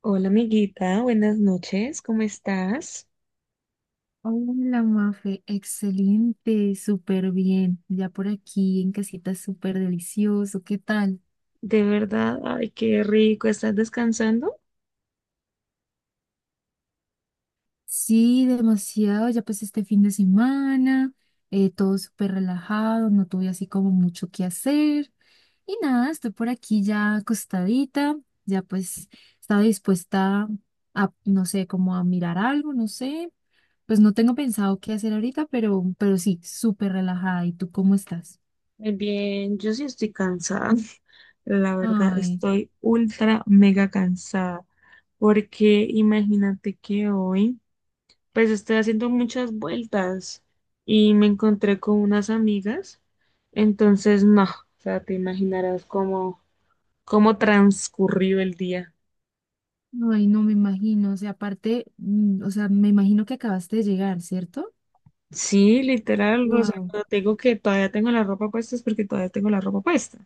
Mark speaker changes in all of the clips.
Speaker 1: Hola amiguita, buenas noches, ¿cómo estás?
Speaker 2: Hola, Mafe, excelente, súper bien. Ya por aquí en casita, súper delicioso. ¿Qué tal?
Speaker 1: De verdad, ay, qué rico, ¿estás descansando?
Speaker 2: Sí, demasiado. Ya pues este fin de semana, todo súper relajado, no tuve así como mucho que hacer. Y nada, estoy por aquí ya acostadita, ya pues estaba dispuesta a, no sé, como a mirar algo, no sé. Pues no tengo pensado qué hacer ahorita, pero sí, súper relajada. ¿Y tú cómo estás?
Speaker 1: Muy bien, yo sí estoy cansada, la verdad
Speaker 2: Ay.
Speaker 1: estoy ultra mega cansada, porque imagínate que hoy pues estoy haciendo muchas vueltas y me encontré con unas amigas, entonces no, o sea, te imaginarás cómo transcurrió el día.
Speaker 2: Ay, no me imagino, o sea, aparte, o sea, me imagino que acabaste de llegar, ¿cierto?
Speaker 1: Sí, literal, o sea,
Speaker 2: Wow.
Speaker 1: cuando tengo que todavía tengo la ropa puesta es porque todavía tengo la ropa puesta.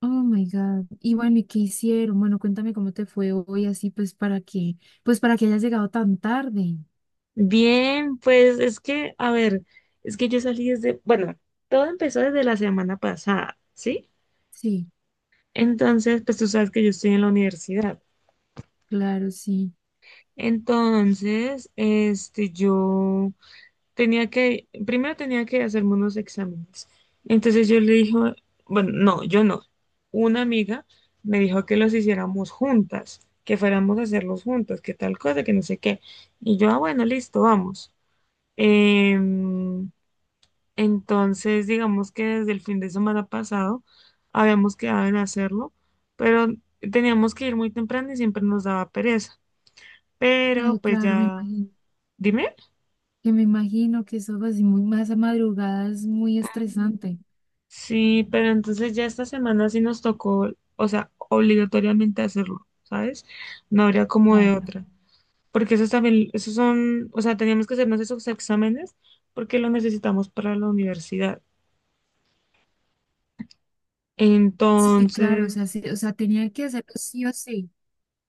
Speaker 2: Oh my God. Y bueno, ¿y qué hicieron? Bueno, cuéntame cómo te fue hoy así pues para que hayas llegado tan tarde.
Speaker 1: Bien, pues es que, a ver, es que yo salí desde, bueno, todo empezó desde la semana pasada, ¿sí?
Speaker 2: Sí,
Speaker 1: Entonces, pues tú sabes que yo estoy en la universidad.
Speaker 2: claro, sí.
Speaker 1: Entonces, este, yo primero tenía que hacerme unos exámenes. Entonces yo le dijo, bueno, no, yo no. Una amiga me dijo que los hiciéramos juntas, que fuéramos a hacerlos juntas, que tal cosa, que no sé qué. Y yo, ah, bueno, listo, vamos. Em, entonces, digamos que desde el fin de semana pasado habíamos quedado en hacerlo, pero teníamos que ir muy temprano y siempre nos daba pereza. Pero
Speaker 2: Ay,
Speaker 1: pues
Speaker 2: claro, me
Speaker 1: ya,
Speaker 2: imagino.
Speaker 1: dime.
Speaker 2: Que me imagino que eso así muy más a madrugada es muy estresante.
Speaker 1: Sí, pero entonces ya esta semana sí nos tocó, o sea, obligatoriamente hacerlo, ¿sabes? No habría como de
Speaker 2: Claro.
Speaker 1: otra. Porque esos también, esos son, o sea, teníamos que hacernos esos exámenes porque lo necesitamos para la universidad.
Speaker 2: Sí, claro, o sea,
Speaker 1: Entonces,
Speaker 2: sí, o sea, tenía que hacerlo sí o sí.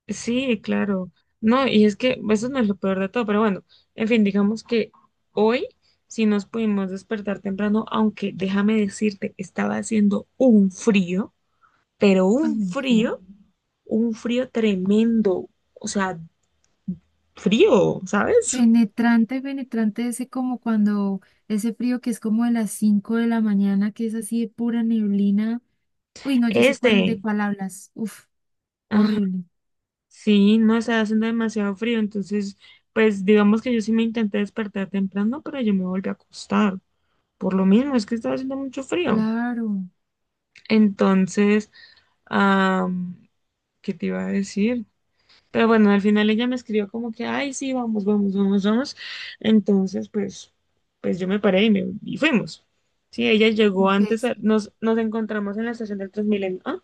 Speaker 1: sí, claro. No, y es que eso no es lo peor de todo, pero bueno, en fin, digamos que hoy sí nos pudimos despertar temprano, aunque déjame decirte, estaba haciendo un frío, pero un
Speaker 2: Ay, sí.
Speaker 1: frío, un frío tremendo, o sea, frío, ¿sabes?
Speaker 2: Penetrante, penetrante ese como cuando ese frío que es como de las 5 de la mañana, que es así de pura neblina. Uy, no, yo sé cuál de
Speaker 1: Este,
Speaker 2: cuál hablas. Uf,
Speaker 1: ajá,
Speaker 2: horrible.
Speaker 1: sí, no está haciendo demasiado frío, entonces, pues digamos que yo sí me intenté despertar temprano, pero yo me volví a acostar, por lo mismo, es que estaba haciendo mucho frío.
Speaker 2: Claro.
Speaker 1: Entonces, am, ¿qué te iba a decir? Pero bueno, al final ella me escribió como que, ay, sí, vamos, vamos, vamos, vamos. Entonces, pues yo me paré y fuimos. Sí, ella llegó
Speaker 2: Ok,
Speaker 1: antes,
Speaker 2: sí.
Speaker 1: nos encontramos en la estación del Transmilenio. Ah,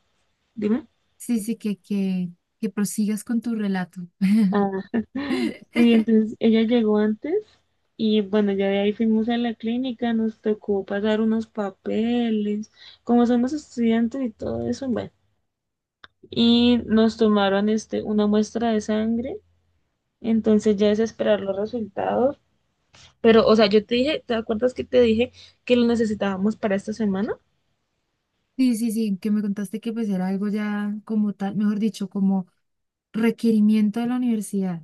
Speaker 1: dime.
Speaker 2: Sí, sí, que prosigas con tu relato.
Speaker 1: Ah, sí, entonces ella llegó antes y bueno, ya de ahí fuimos a la clínica, nos tocó pasar unos papeles, como somos estudiantes y todo eso, bueno, y nos tomaron este, una muestra de sangre, entonces ya es esperar los resultados. Pero, o sea, yo te dije, ¿te acuerdas que te dije que los necesitábamos para esta semana?
Speaker 2: Sí, sí, sí, que me contaste que pues era algo ya como tal, mejor dicho, como requerimiento de la universidad.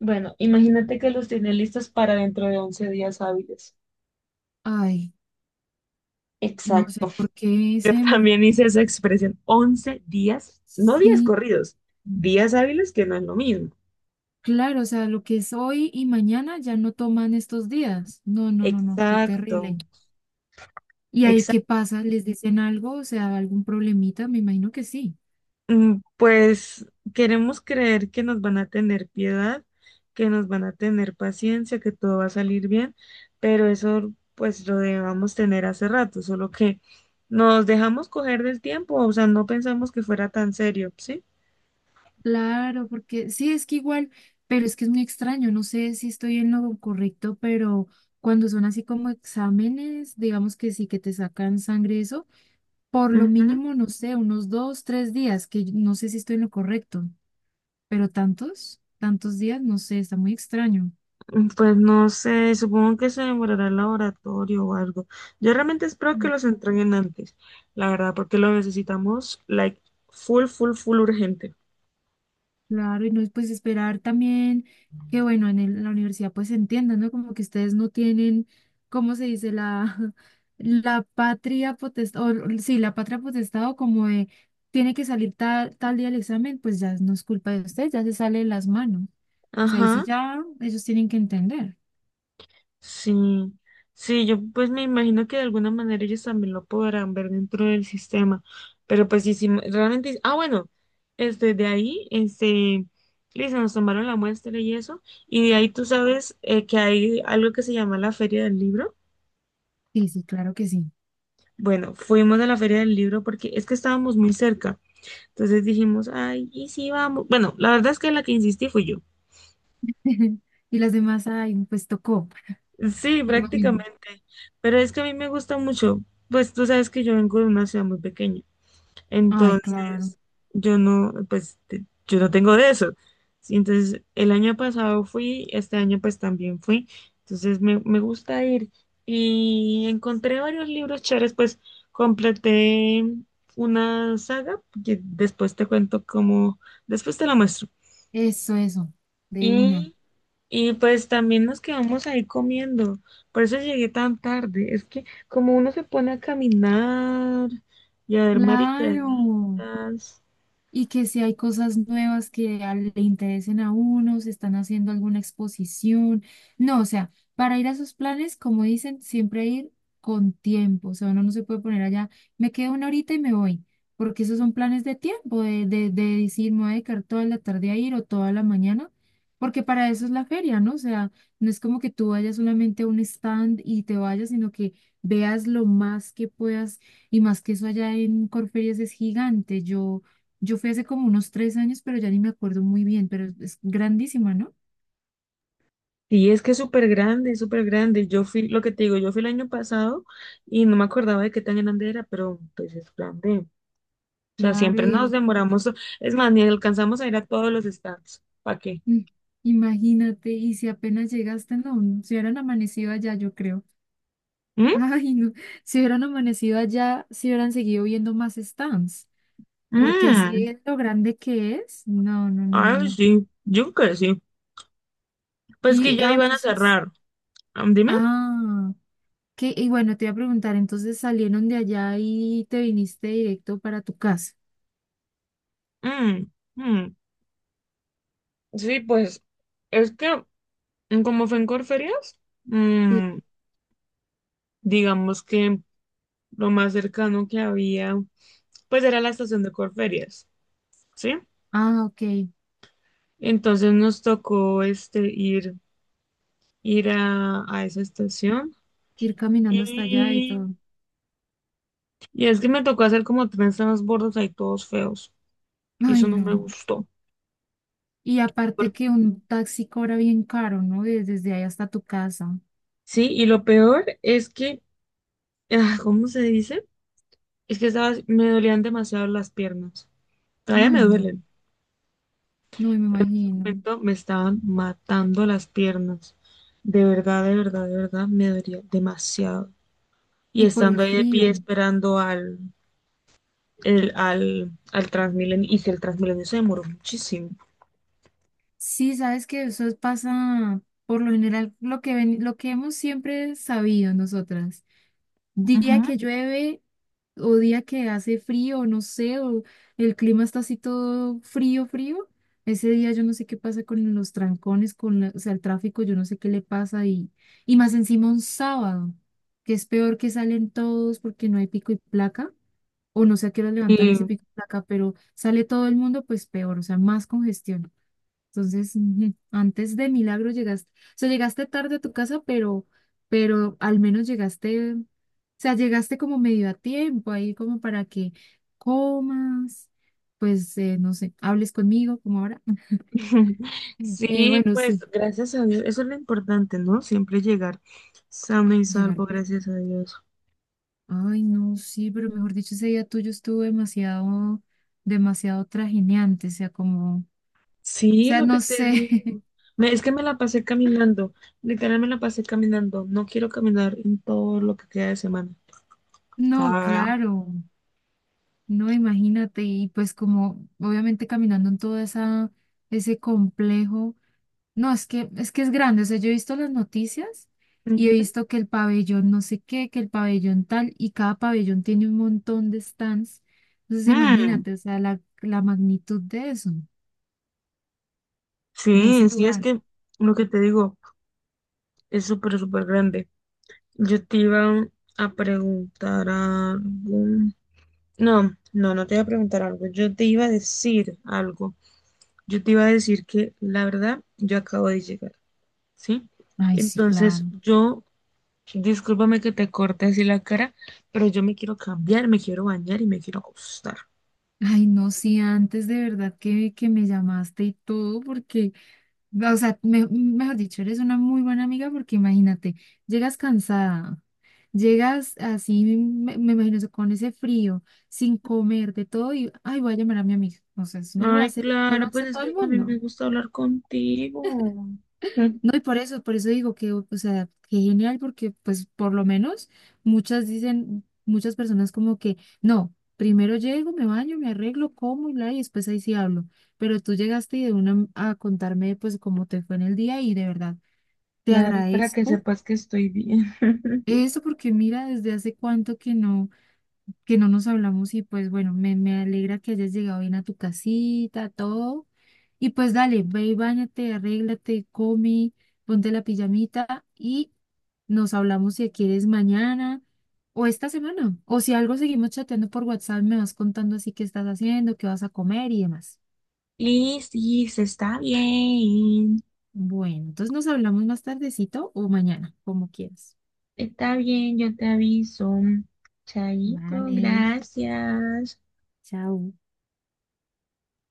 Speaker 1: Bueno, imagínate que los tiene listos para dentro de once días hábiles.
Speaker 2: Ay, no sé
Speaker 1: Exacto.
Speaker 2: por qué
Speaker 1: Yo
Speaker 2: se demora.
Speaker 1: también hice esa expresión. 11 días, no días
Speaker 2: Sí.
Speaker 1: corridos, días hábiles que no es lo mismo.
Speaker 2: Claro, o sea, lo que es hoy y mañana ya no toman estos días. No, no, no, no, qué
Speaker 1: Exacto.
Speaker 2: terrible. ¿Y ahí qué pasa? ¿Les dicen algo? O sea, ¿algún problemita? Me imagino que sí.
Speaker 1: Mm, pues queremos creer que nos van a tener piedad, que nos van a tener paciencia, que todo va a salir bien, pero eso pues lo debamos tener hace rato, solo que nos dejamos coger del tiempo, o sea, no pensamos que fuera tan serio, ¿sí?
Speaker 2: Claro, porque sí, es que igual, pero es que es muy extraño. No sé si estoy en lo correcto, pero cuando son así como exámenes, digamos que sí, que te sacan sangre, eso, por lo
Speaker 1: Ujú.
Speaker 2: mínimo, no sé, unos dos, tres días, que no sé si estoy en lo correcto, pero tantos, tantos días, no sé, está muy extraño.
Speaker 1: Mm, pues no sé, supongo que se demorará el laboratorio o algo. Yo realmente espero que los entreguen antes, la verdad, porque lo necesitamos, like, full, full, full urgente.
Speaker 2: Claro, y no es pues esperar también que, bueno, en la universidad pues se entienda, ¿no? Como que ustedes no tienen, ¿cómo se dice? La, la patria potestad, sí, la patria potestad o como de, tiene que salir tal día el examen, pues ya no es culpa de ustedes, ya se sale de las manos. O sea, ahí sí
Speaker 1: Ajá.
Speaker 2: ya ellos tienen que entender.
Speaker 1: Sí, sí, yo pues me imagino que de alguna manera ellos también lo podrán ver dentro del sistema, pero pues sí, sí, realmente, ah, bueno, este, listo, nos tomaron la muestra y eso, y de ahí tú sabes que hay algo que se llama la Feria del Libro.
Speaker 2: Sí, sí, claro que sí.
Speaker 1: Bueno, fuimos a la Feria del Libro porque es que estábamos muy cerca, entonces dijimos, ay, y sí, vamos. Bueno, la verdad es que la que insistí fui yo.
Speaker 2: Y las demás, ay, pues tocó,
Speaker 1: Sí,
Speaker 2: me imagino.
Speaker 1: prácticamente, pero es que a mí me gusta mucho, pues tú sabes que yo vengo de una ciudad muy pequeña.
Speaker 2: Ay, claro,
Speaker 1: Entonces, yo no, pues, yo no tengo de eso. Sí, entonces, el año pasado fui, este año pues también fui. Entonces, me gusta ir. Y encontré varios libros chéveres, pues, completé una saga, que después te cuento cómo, después te la muestro.
Speaker 2: eso, de una.
Speaker 1: Y, y pues también nos quedamos ahí comiendo. Por eso llegué tan tarde. Es que como uno se pone a caminar y a ver
Speaker 2: Claro.
Speaker 1: maricaditas.
Speaker 2: Y que si hay cosas nuevas que le interesen a uno, se están haciendo alguna exposición. No, o sea, para ir a sus planes, como dicen, siempre ir con tiempo. O sea, uno no se puede poner allá, me quedo una horita y me voy, porque esos son planes de tiempo, de decir, me voy a dedicar toda la tarde a ir o toda la mañana, porque para eso es la feria, ¿no? O sea, no es como que tú vayas solamente a un stand y te vayas, sino que veas lo más que puedas. Y más que eso allá en Corferias es gigante. Yo fui hace como unos 3 años, pero ya ni me acuerdo muy bien, pero es grandísima, ¿no?
Speaker 1: Y es que es súper grande, es súper grande. Yo fui, lo que te digo, yo fui el año pasado y no me acordaba de qué tan grande era, pero pues es grande. O sea,
Speaker 2: Claro,
Speaker 1: siempre nos
Speaker 2: y,
Speaker 1: demoramos. Es más, ni alcanzamos a ir a todos los stands. ¿Para qué?
Speaker 2: Mm, imagínate, y si apenas llegaste, no, si hubieran amanecido allá, yo creo.
Speaker 1: ¿Mm?
Speaker 2: Ay, no, si hubieran amanecido allá, si hubieran seguido viendo más stands, porque así
Speaker 1: Mm.
Speaker 2: es lo grande que es. No, no, no, no,
Speaker 1: Ay,
Speaker 2: no.
Speaker 1: sí, yo creo que sí. Pues que
Speaker 2: Y,
Speaker 1: ya iban a
Speaker 2: entonces,
Speaker 1: cerrar. Dime.
Speaker 2: ah, y bueno, te iba a preguntar, entonces salieron de allá y te viniste directo para tu casa.
Speaker 1: Mm, mm. Sí, pues es que como fue en Corferias,
Speaker 2: Sí,
Speaker 1: mm, digamos que lo más cercano que había, pues era la estación de Corferias. ¿Sí?
Speaker 2: ah, ok,
Speaker 1: Entonces nos tocó ir a esa estación
Speaker 2: ir caminando hasta allá y
Speaker 1: y,
Speaker 2: todo.
Speaker 1: y es que me tocó hacer como tres transbordos ahí todos feos y
Speaker 2: Ay,
Speaker 1: eso no me
Speaker 2: no.
Speaker 1: gustó.
Speaker 2: Y aparte
Speaker 1: Por-
Speaker 2: que un taxi cobra bien caro, ¿no? Desde ahí hasta tu casa.
Speaker 1: Sí, y lo peor es que, ah, ¿cómo se dice? Es que estaba, me dolían demasiado las piernas. Todavía
Speaker 2: Ay,
Speaker 1: me
Speaker 2: no.
Speaker 1: duelen.
Speaker 2: No me
Speaker 1: En
Speaker 2: imagino.
Speaker 1: este momento me estaban matando las piernas. De verdad, de verdad, de verdad, me dolía demasiado. Y
Speaker 2: Y por
Speaker 1: estando
Speaker 2: el
Speaker 1: ahí de pie
Speaker 2: frío.
Speaker 1: esperando al Transmilenio, y si el Transmilenio se demoró muchísimo.
Speaker 2: Sí, sabes que eso pasa por lo general lo que ven, lo que hemos siempre sabido nosotras. Día
Speaker 1: Ujú.
Speaker 2: que llueve o día que hace frío, no sé, o el clima está así todo frío, frío. Ese día yo no sé qué pasa con los trancones, con o sea, el tráfico, yo no sé qué le pasa y más encima un sábado, que es peor que salen todos porque no hay pico y placa, o no sé a qué hora levantan
Speaker 1: Sí.
Speaker 2: ese pico y placa, pero sale todo el mundo, pues peor, o sea, más congestión. Entonces, ujú, antes de milagro llegaste, o sea, llegaste tarde a tu casa, pero al menos llegaste, o sea, llegaste como medio a tiempo ahí como para que comas, pues, no sé, hables conmigo como ahora.
Speaker 1: Sí,
Speaker 2: Bueno,
Speaker 1: pues
Speaker 2: sí,
Speaker 1: gracias a Dios, eso es lo importante, ¿no? Siempre llegar sano y
Speaker 2: llegar
Speaker 1: salvo,
Speaker 2: bien.
Speaker 1: gracias a Dios.
Speaker 2: Ay, no, sí, pero mejor dicho, ese día tuyo estuvo demasiado, demasiado trajineante, o sea, como, o
Speaker 1: Sí,
Speaker 2: sea,
Speaker 1: lo
Speaker 2: no
Speaker 1: que te
Speaker 2: sé,
Speaker 1: digo. Es que me la pasé caminando, literal me la pasé caminando. No quiero caminar en todo lo que queda de semana.
Speaker 2: no,
Speaker 1: Ah,
Speaker 2: claro, no, imagínate, y pues como obviamente caminando en todo ese complejo, no, es que es grande, o sea, yo he visto las noticias y
Speaker 1: ujú.
Speaker 2: he visto que el pabellón no sé qué, que el pabellón tal, y cada pabellón tiene un montón de stands, entonces
Speaker 1: Mm,
Speaker 2: imagínate, o sea, la magnitud de eso, de ese
Speaker 1: sí, sí, es
Speaker 2: lugar.
Speaker 1: que lo que te digo es súper, súper grande. Yo te iba a preguntar algo. No, no, no te iba a preguntar algo. Yo te iba a decir algo. Yo te iba a decir que la verdad, yo acabo de llegar, ¿sí?
Speaker 2: Ay, sí,
Speaker 1: Entonces,
Speaker 2: claro.
Speaker 1: yo, discúlpame que te corte así la cara, pero yo me quiero cambiar, me quiero bañar y me quiero acostar.
Speaker 2: Ay, no, sí, antes de verdad que me llamaste y todo, porque... O sea, mejor dicho, eres una muy buena amiga porque imagínate, llegas cansada, llegas así, me imagino eso, con ese frío, sin comer, de todo, y ay, voy a llamar a mi amiga. O sea, eso
Speaker 1: Ay,
Speaker 2: no lo
Speaker 1: claro, pues
Speaker 2: hace
Speaker 1: es
Speaker 2: todo el
Speaker 1: que a mí me
Speaker 2: mundo.
Speaker 1: gusta hablar contigo. Mm.
Speaker 2: No, y por eso digo que, o sea, que genial, porque pues por lo menos muchas personas como que, no, primero llego, me baño, me arreglo, como y bla, y después ahí sí hablo. Pero tú llegaste y de una a contarme pues cómo te fue en el día y de verdad. Te
Speaker 1: Claro, y para que
Speaker 2: agradezco
Speaker 1: sepas que estoy bien.
Speaker 2: eso porque mira, desde hace cuánto que no nos hablamos y pues bueno, me alegra que hayas llegado bien a tu casita, todo. Y pues dale, ve y báñate, arréglate, come, ponte la pijamita y nos hablamos si quieres mañana o esta semana. O si algo seguimos chateando por WhatsApp, me vas contando así qué estás haciendo, qué vas a comer y demás.
Speaker 1: Y sí, se está bien.
Speaker 2: Bueno, entonces nos hablamos más tardecito o mañana, como quieras.
Speaker 1: Está bien, yo te aviso. Chaito,
Speaker 2: Vale,
Speaker 1: gracias.
Speaker 2: chao.